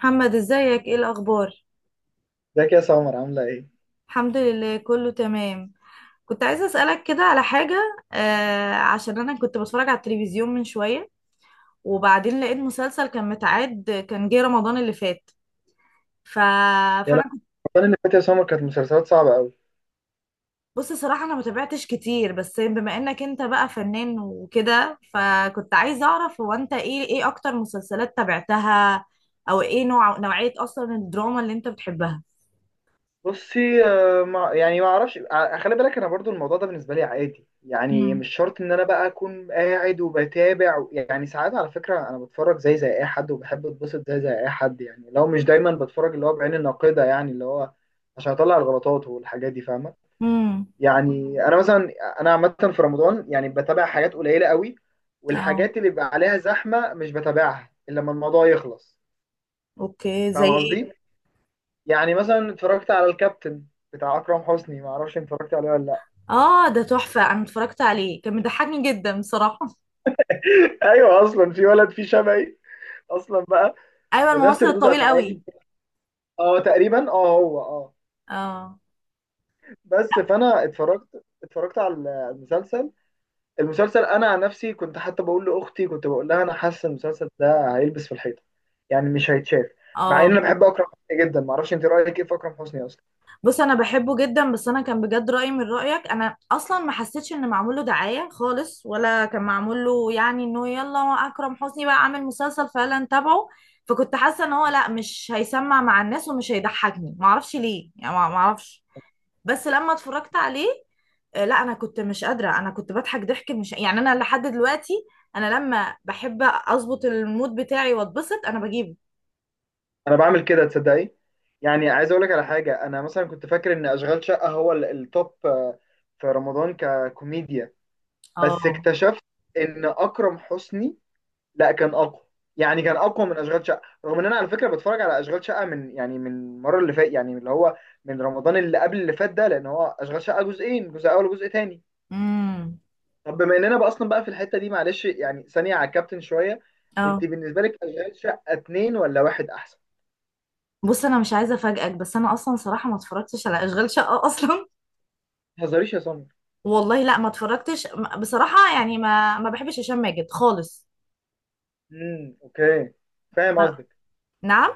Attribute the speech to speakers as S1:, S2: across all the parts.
S1: محمد، ازيك؟ ايه الاخبار؟
S2: ازيك يا سمر عاملة ايه؟
S1: الحمد لله، كله تمام. كنت عايزه اسالك كده على حاجه عشان انا كنت بتفرج على التلفزيون من شويه، وبعدين لقيت مسلسل كان متعاد كان جه رمضان اللي فات. ف...
S2: يا لا.
S1: فانا كنت
S2: رمضان اللي فات يا سمر كانت مسلسلات صعبة قوي.
S1: بص، صراحه انا ما تابعتش كتير، بس بما انك انت بقى فنان وكده، فكنت عايزه اعرف هو انت ايه اكتر مسلسلات تابعتها، او ايه نوعيه اصلا الدراما اللي انت بتحبها.
S2: بصي ما اعرفش خلي بالك انا برضو الموضوع ده بالنسبة لي عادي، يعني
S1: امم
S2: مش شرط ان انا بقى اكون قاعد وبتابع. يعني ساعات على فكرة انا بتفرج زي اي حد وبحب اتبسط زي اي حد، يعني لو مش دايما بتفرج اللي هو بعين الناقدة، يعني اللي هو عشان اطلع الغلطات والحاجات دي، فاهمة؟
S1: امم
S2: يعني انا مثلا، انا عامة في رمضان يعني بتابع حاجات قليلة قوي،
S1: اه.
S2: والحاجات اللي بيبقى عليها زحمة مش بتابعها الا لما الموضوع يخلص.
S1: اوكي، زي
S2: فاهم
S1: ايه؟
S2: قصدي؟ يعني مثلا اتفرجت على الكابتن بتاع اكرم حسني، ما اعرفش انت اتفرجت عليه ولا لا.
S1: اه، ده تحفة، انا اتفرجت عليه كان مضحكني جدا بصراحة.
S2: ايوه، اصلا في ولد فيه شبهي اصلا بقى،
S1: ايوه،
S2: بنفس
S1: الممثل
S2: ردود
S1: الطويل
S2: افعالي.
S1: قوي.
S2: اه تقريبا، اه هو، اه.
S1: اه.
S2: بس فانا اتفرجت على المسلسل. المسلسل انا عن نفسي كنت حتى بقول لاختي، كنت بقول لها انا حاسه المسلسل ده هيلبس في الحيطه، يعني مش هيتشاف. مع ان
S1: اه.
S2: انا بحب اكرم حسني جدا. ما اعرفش انت رايك ايه في اكرم حسني اصلا.
S1: بص، انا بحبه جدا، بس انا كان بجد رأيي من رأيك، انا اصلا ما حسيتش ان معمول له دعاية خالص، ولا كان معمول له يعني انه يلا اكرم حسني بقى عامل مسلسل فيلا نتابعه. فكنت حاسة ان هو لا، مش هيسمع مع الناس ومش هيضحكني، ما اعرفش ليه يعني، ما اعرفش. بس لما اتفرجت عليه، لا انا كنت مش قادره، انا كنت بضحك ضحك، مش يعني، انا لحد دلوقتي، انا لما بحب اظبط المود بتاعي واتبسط انا بجيبه.
S2: انا بعمل كده تصدقي. يعني عايز اقول لك على حاجه: انا مثلا كنت فاكر ان اشغال شقه هو التوب في رمضان ككوميديا، بس
S1: اه.
S2: اكتشفت ان اكرم حسني لا، كان اقوى. يعني كان اقوى من اشغال شقه، رغم ان انا على فكره بتفرج على اشغال شقه من، يعني من المره اللي فات، يعني اللي هو من رمضان اللي قبل اللي فات ده، لان هو اشغال شقه جزئين: جزء اول وجزء تاني.
S1: امم.
S2: طب بما اننا بقى اصلا بقى في الحته دي معلش، يعني ثانيه على الكابتن شويه، انت
S1: اه.
S2: بالنسبه لك اشغال شقه اتنين ولا واحد احسن؟
S1: بص، انا مش عايزه افاجئك، بس انا اصلا صراحه ما اتفرجتش على اشغال شقه اصلا.
S2: ما تهزريش يا صنم.
S1: والله لا، ما اتفرجتش. بصراحه يعني ما بحبش هشام ماجد خالص.
S2: امم، اوكي. فاهم
S1: ما-
S2: قصدك،
S1: نعم.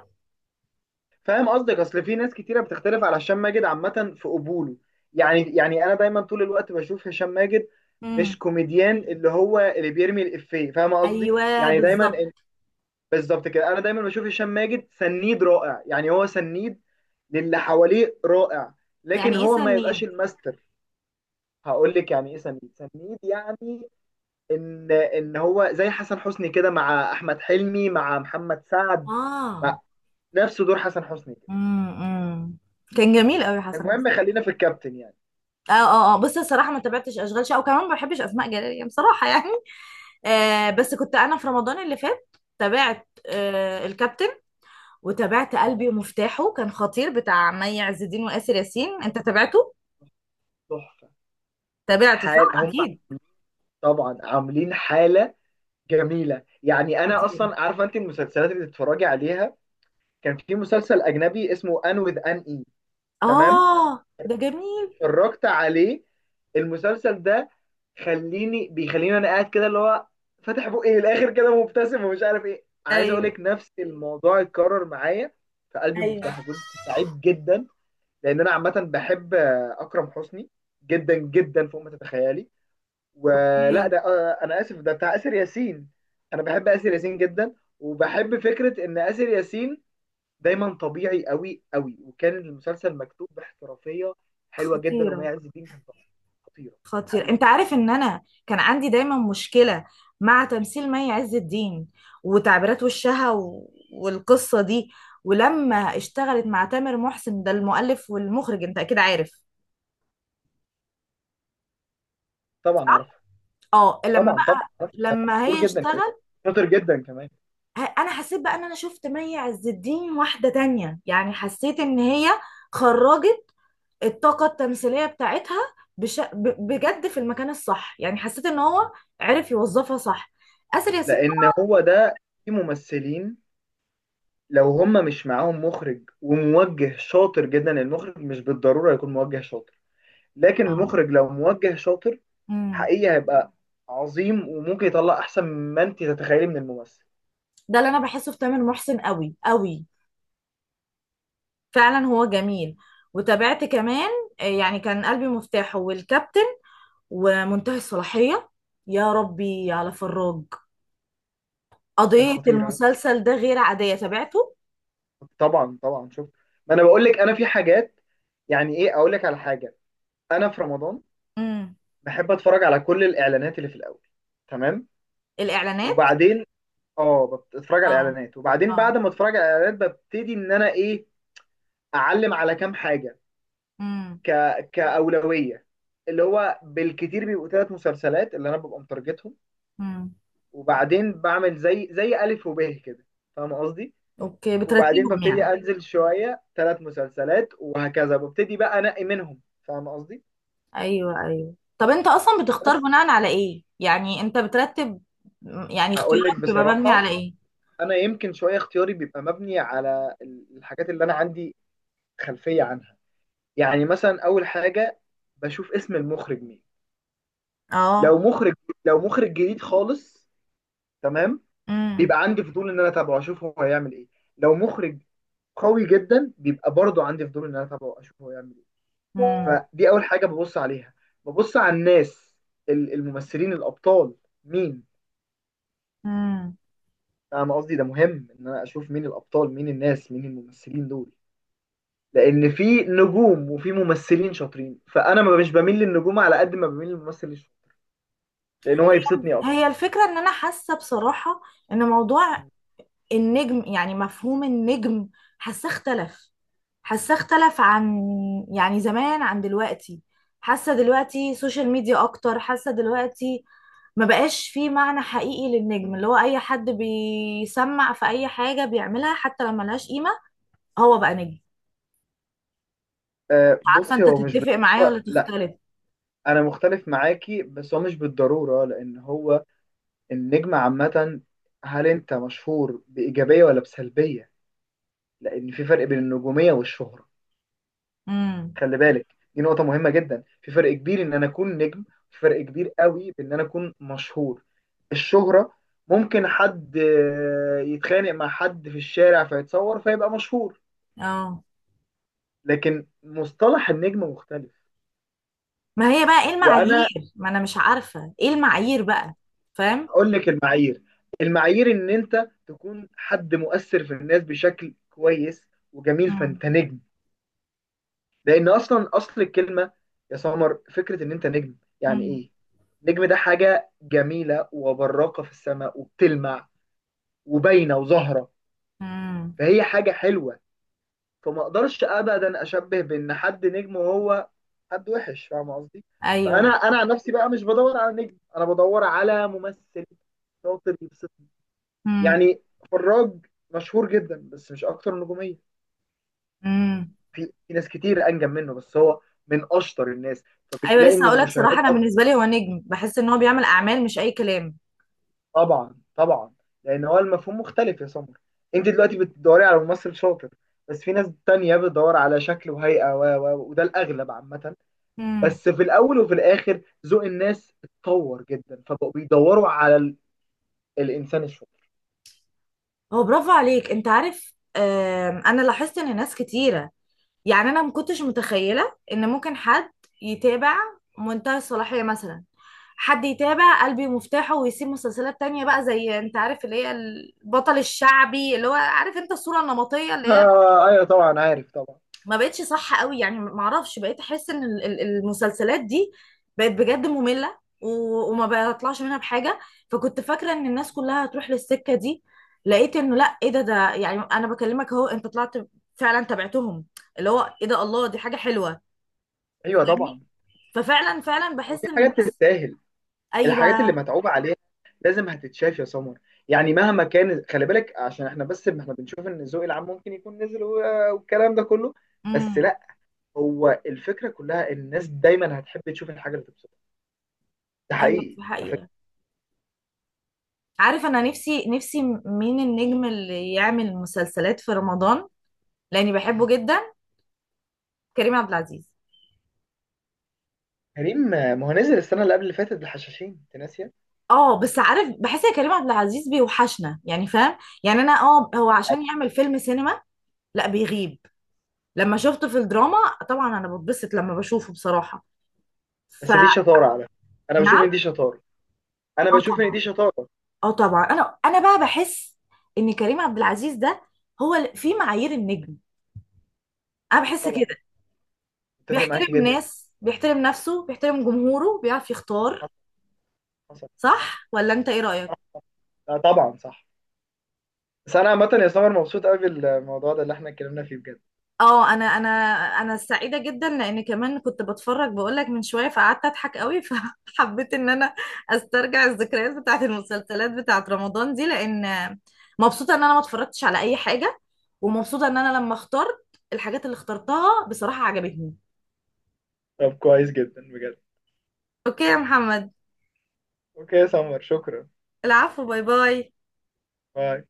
S2: فاهم قصدك. اصل في ناس كتيره بتختلف على هشام ماجد عامه في قبوله. يعني انا دايما طول الوقت بشوف هشام ماجد مش
S1: امم.
S2: كوميديان اللي هو اللي بيرمي الافيه، فاهم قصدي؟
S1: ايوه
S2: يعني دايما
S1: بالظبط.
S2: بالظبط كده، انا دايما بشوف هشام ماجد سنيد رائع، يعني هو سنيد للي حواليه رائع، لكن
S1: يعني ايه
S2: هو ما يبقاش
S1: سنيد؟
S2: الماستر. هقول لك يعني ايه سنيد. سنيد يعني ان هو زي حسن حسني كده مع احمد حلمي مع محمد سعد،
S1: اه.
S2: نفس دور حسن حسني كده.
S1: امم. أمم. كان جميل قوي حسن حسن.
S2: المهم خلينا في الكابتن يعني.
S1: اه. اه. اه. بصي الصراحه ما تابعتش اشغال شقه، وكمان ما بحبش اسماء جلال يعني بصراحه يعني. بس كنت انا في رمضان اللي فات تابعت الكابتن، وتابعت
S2: اه
S1: قلبي ومفتاحه، كان خطير، بتاع مي عز الدين واسر ياسين. انت تابعته؟
S2: تحفه.
S1: تابعته
S2: حال
S1: صح
S2: هم،
S1: اكيد.
S2: طبعا عاملين حاله جميله. يعني انا
S1: خطير.
S2: اصلا عارفه انت المسلسلات اللي بتتفرجي عليها. كان في مسلسل اجنبي اسمه ان وذ ان اي، تمام؟
S1: اه، ده جميل.
S2: اتفرجت عليه المسلسل ده؟ خليني، بيخليني انا قاعد كده اللي هو فاتح بقي للاخر كده مبتسم ومش عارف ايه. عايز اقول
S1: ايوه
S2: لك نفس الموضوع اتكرر معايا. فقلبي
S1: ايوه.
S2: مفتوح، كنت سعيد جدا. لان انا عامه بحب اكرم حسني جدا جدا، فوق ما تتخيلي. ولا
S1: اوكي.
S2: ده انا اسف، ده بتاع اسر ياسين. انا بحب اسر ياسين جدا، وبحب فكره ان اسر ياسين دايما طبيعي قوي قوي، وكان المسلسل مكتوب باحترافيه حلوه جدا،
S1: خطيره.
S2: ومي عز الدين كانت خطيره.
S1: خطير،
S2: حقيقي.
S1: انت عارف ان انا كان عندي دايما مشكلة مع تمثيل مي عز الدين وتعبيرات وشها والقصة دي. ولما
S2: م.
S1: اشتغلت مع تامر محسن، ده المؤلف والمخرج، انت اكيد عارف.
S2: طبعا عارفها،
S1: اه.
S2: طبعا طبعا عارفها. ده
S1: لما
S2: مشهور
S1: هي
S2: جدا كمان،
S1: اشتغل
S2: شاطر جدا كمان.
S1: انا حسيت بقى ان انا شفت مي عز الدين واحدة تانية، يعني حسيت ان هي خرجت الطاقة التمثيلية بتاعتها بش... ب...
S2: م.
S1: بجد في المكان الصح، يعني حسيت ان هو عرف يوظفها صح، آسر ياسين.
S2: لان هو ده، في ممثلين لو هم مش معاهم مخرج وموجه شاطر جدا. المخرج مش بالضرورة يكون موجه شاطر، لكن
S1: طبعا.
S2: المخرج لو موجه شاطر،
S1: اه.
S2: حقيقي هيبقى عظيم، وممكن يطلع احسن ما انت تتخيلي من الممثل.
S1: ده اللي انا بحسه في تامر محسن قوي قوي، فعلا هو جميل. وتابعت كمان يعني كان قلبي مفتاحه والكابتن ومنتهي الصلاحية. يا ربي على فراج،
S2: كان
S1: قضية
S2: خطير ها؟
S1: المسلسل ده غير عادية، تابعته.
S2: طبعا طبعا. شوف، ما انا بقول لك، انا في حاجات. يعني ايه اقول لك على حاجة، انا في رمضان
S1: امم.
S2: بحب اتفرج على كل الاعلانات اللي في الاول، تمام؟
S1: الإعلانات.
S2: وبعدين اه، بتفرج على
S1: اه.
S2: الاعلانات، وبعدين
S1: اه.
S2: بعد ما اتفرج على الاعلانات ببتدي ان انا ايه، اعلم على كام حاجة
S1: امم.
S2: ك كأولوية، اللي هو بالكتير بيبقوا ثلاث مسلسلات اللي انا ببقى مترجتهم.
S1: امم.
S2: وبعدين بعمل زي ألف وب كده، فاهم قصدي؟
S1: اوكي،
S2: وبعدين
S1: بترتبهم
S2: ببتدي
S1: يعني.
S2: انزل شوية ثلاث مسلسلات، وهكذا ببتدي بقى انقي منهم، فاهم قصدي؟
S1: ايوه ايوه. طب انت اصلا بتختار
S2: بس
S1: بناء على ايه؟ يعني انت بترتب، يعني
S2: هقول لك
S1: اختيارك بيبقى مبني على
S2: بصراحة،
S1: ايه؟
S2: انا يمكن شوية اختياري بيبقى مبني على الحاجات اللي انا عندي خلفية عنها. يعني مثلا اول حاجة بشوف اسم المخرج مين.
S1: اه.
S2: لو مخرج، لو مخرج جديد خالص، تمام،
S1: امم.
S2: بيبقى عندي فضول ان انا اتابعه اشوف هو هيعمل ايه. لو مخرج قوي جدا، بيبقى برضه عندي فضول ان انا اتابعه اشوف هو هيعمل ايه. فدي اول حاجه ببص عليها. ببص على الناس، الممثلين الابطال مين.
S1: امم.
S2: انا قصدي ده مهم ان انا اشوف مين الابطال، مين الناس، مين الممثلين دول. لان في نجوم وفي ممثلين شاطرين، فانا ما مش بميل للنجوم على قد ما بميل للممثل الشاطر، لان هو يبسطني اكتر.
S1: هي الفكرة ان انا حاسة بصراحة ان موضوع النجم، يعني مفهوم النجم، حاسة اختلف حاسة اختلف عن يعني زمان عن دلوقتي، حاسة دلوقتي سوشيال ميديا اكتر، حاسة دلوقتي ما بقاش فيه معنى حقيقي للنجم، اللي هو اي حد بيسمع في اي حاجة بيعملها حتى لو ملهاش قيمة هو بقى نجم. عارفة
S2: بصي،
S1: انت
S2: هو مش
S1: تتفق معايا ولا
S2: بالضروره لا.
S1: تختلف؟
S2: انا مختلف معاكي، بس هو مش بالضروره، لان هو النجم عامة، هل أنت مشهور بإيجابية ولا بسلبية؟ لأن في فرق بين النجومية والشهرة.
S1: امم.
S2: خلي بالك، دي نقطة مهمة جدا. في فرق كبير إن أنا أكون نجم، في فرق كبير قوي بإن أنا أكون مشهور. الشهرة ممكن حد يتخانق مع حد في الشارع فيتصور فيبقى مشهور،
S1: اه.
S2: لكن مصطلح النجم مختلف.
S1: ما هي بقى ايه
S2: وأنا
S1: المعايير؟ ما انا مش عارفة ايه المعايير بقى. فاهم.
S2: أقول لك المعايير. المعايير إن أنت تكون حد مؤثر في الناس بشكل كويس وجميل، فأنت نجم. لان اصلا اصل الكلمه يا سمر، فكره ان انت نجم يعني
S1: مم.
S2: ايه؟ نجم ده حاجه جميله وبراقه في السماء، وبتلمع وباينه وظاهره،
S1: مم.
S2: فهي حاجه حلوه. فما اقدرش ابدا اشبه بان حد نجم وهو حد وحش، فاهم قصدي؟
S1: ايوه.
S2: فانا عن نفسي بقى مش بدور على نجم، انا بدور على ممثل شاطر يبسطني.
S1: مم.
S2: يعني فراج مشهور جدا، بس مش اكتر نجوميه.
S1: مم.
S2: في ناس كتير انجم منه، بس هو من اشطر الناس،
S1: ايوه،
S2: فبتلاقي
S1: لسه
S2: ان
S1: هقول لك صراحه،
S2: المشاهدات.
S1: انا بالنسبه لي هو نجم، بحس ان هو بيعمل اعمال مش اي كلام.
S2: طبعا طبعا. لان هو المفهوم مختلف يا سمر. انت دلوقتي بتدوري على ممثل شاطر، بس في ناس تانية بتدور على شكل وهيئة وده الأغلب عامة.
S1: مم.
S2: بس في الأول وفي الآخر ذوق الناس اتطور جدا، فبقوا بيدوروا على الإنسان الشاطر.
S1: هو برافو عليك. انت عارف، انا لاحظت ان ناس كتيره، يعني انا ما كنتش متخيله ان ممكن حد يتابع منتهى الصلاحيه مثلا، حد يتابع قلبي مفتاحه ويسيب مسلسلات تانية بقى، زي انت عارف اللي هي البطل الشعبي، اللي هو عارف انت الصوره النمطيه اللي هي
S2: آه أيوه طبعا عارف، طبعا.
S1: ما بقتش صح قوي يعني. ما اعرفش، بقيت احس ان ال المسلسلات دي بقت بجد مملة وما بطلعش منها بحاجة، فكنت فاكرة ان الناس كلها هتروح للسكة دي، لقيت انه لا، ايه ده يعني، انا بكلمك اهو، انت طلعت فعلا تابعتهم، اللي هو ايه ده، الله، دي حاجة حلوة،
S2: أيوه
S1: فاهمني؟
S2: طبعا،
S1: ففعلا
S2: هو في
S1: بحس ان
S2: حاجات
S1: الناس.
S2: تستاهل. الحاجات اللي
S1: ايوه.
S2: متعوب عليها لازم هتتشاف يا سمر، يعني مهما كان. خلي بالك، عشان احنا بس احنا بنشوف ان الذوق العام ممكن يكون نزل، والكلام ده كله، بس
S1: امم.
S2: لا. هو الفكره كلها ان الناس دايما هتحب تشوف الحاجه اللي تبسطها، ده
S1: ايوه،
S2: حقيقي
S1: دي
S2: على فكره.
S1: حقيقة. عارف، انا نفسي نفسي مين النجم اللي يعمل مسلسلات في رمضان، لاني بحبه جدا؟ كريم عبد العزيز.
S2: كريم ما هو نزل السنه اللي قبل اللي فاتت الحشاشين، انت ناسيه؟
S1: اه، بس عارف، بحس يا كريم عبد العزيز بيوحشنا، يعني فاهم؟ يعني انا هو عشان يعمل فيلم سينما لا بيغيب. لما شفته في الدراما، طبعا انا بتبسط لما بشوفه بصراحة،
S2: بس
S1: فنعم.
S2: دي شطاره على فكره. انا بشوف ان دي شطاره، انا
S1: اه،
S2: بشوف ان
S1: طبعا.
S2: دي شطاره.
S1: اه، طبعا، انا بقى بحس ان كريم عبد العزيز ده هو في معايير النجم، انا بحس
S2: طبعا،
S1: كده.
S2: متفق معاكي
S1: بيحترم
S2: جدا.
S1: ناس، بيحترم نفسه، بيحترم جمهوره، بيعرف يختار.
S2: حصل، حصل. صح،
S1: صح ولا انت ايه
S2: صح.
S1: رأيك؟
S2: لا طبعا صح. بس انا عامه يا سمر مبسوط قوي بالموضوع ده اللي احنا اتكلمنا فيه بجد.
S1: اه. انا انا سعيده جدا، لان كمان كنت بتفرج بقولك من شويه، فقعدت اضحك قوي فحبيت ان انا استرجع الذكريات بتاعت المسلسلات بتاعت رمضان دي، لان مبسوطه ان انا ما اتفرجتش على اي حاجه، ومبسوطه ان انا لما اخترت الحاجات اللي اخترتها بصراحه عجبتني.
S2: طب كويس جدا بجد.
S1: اوكي يا محمد.
S2: اوكي يا سمر، شكرا.
S1: العفو، باي باي.
S2: باي.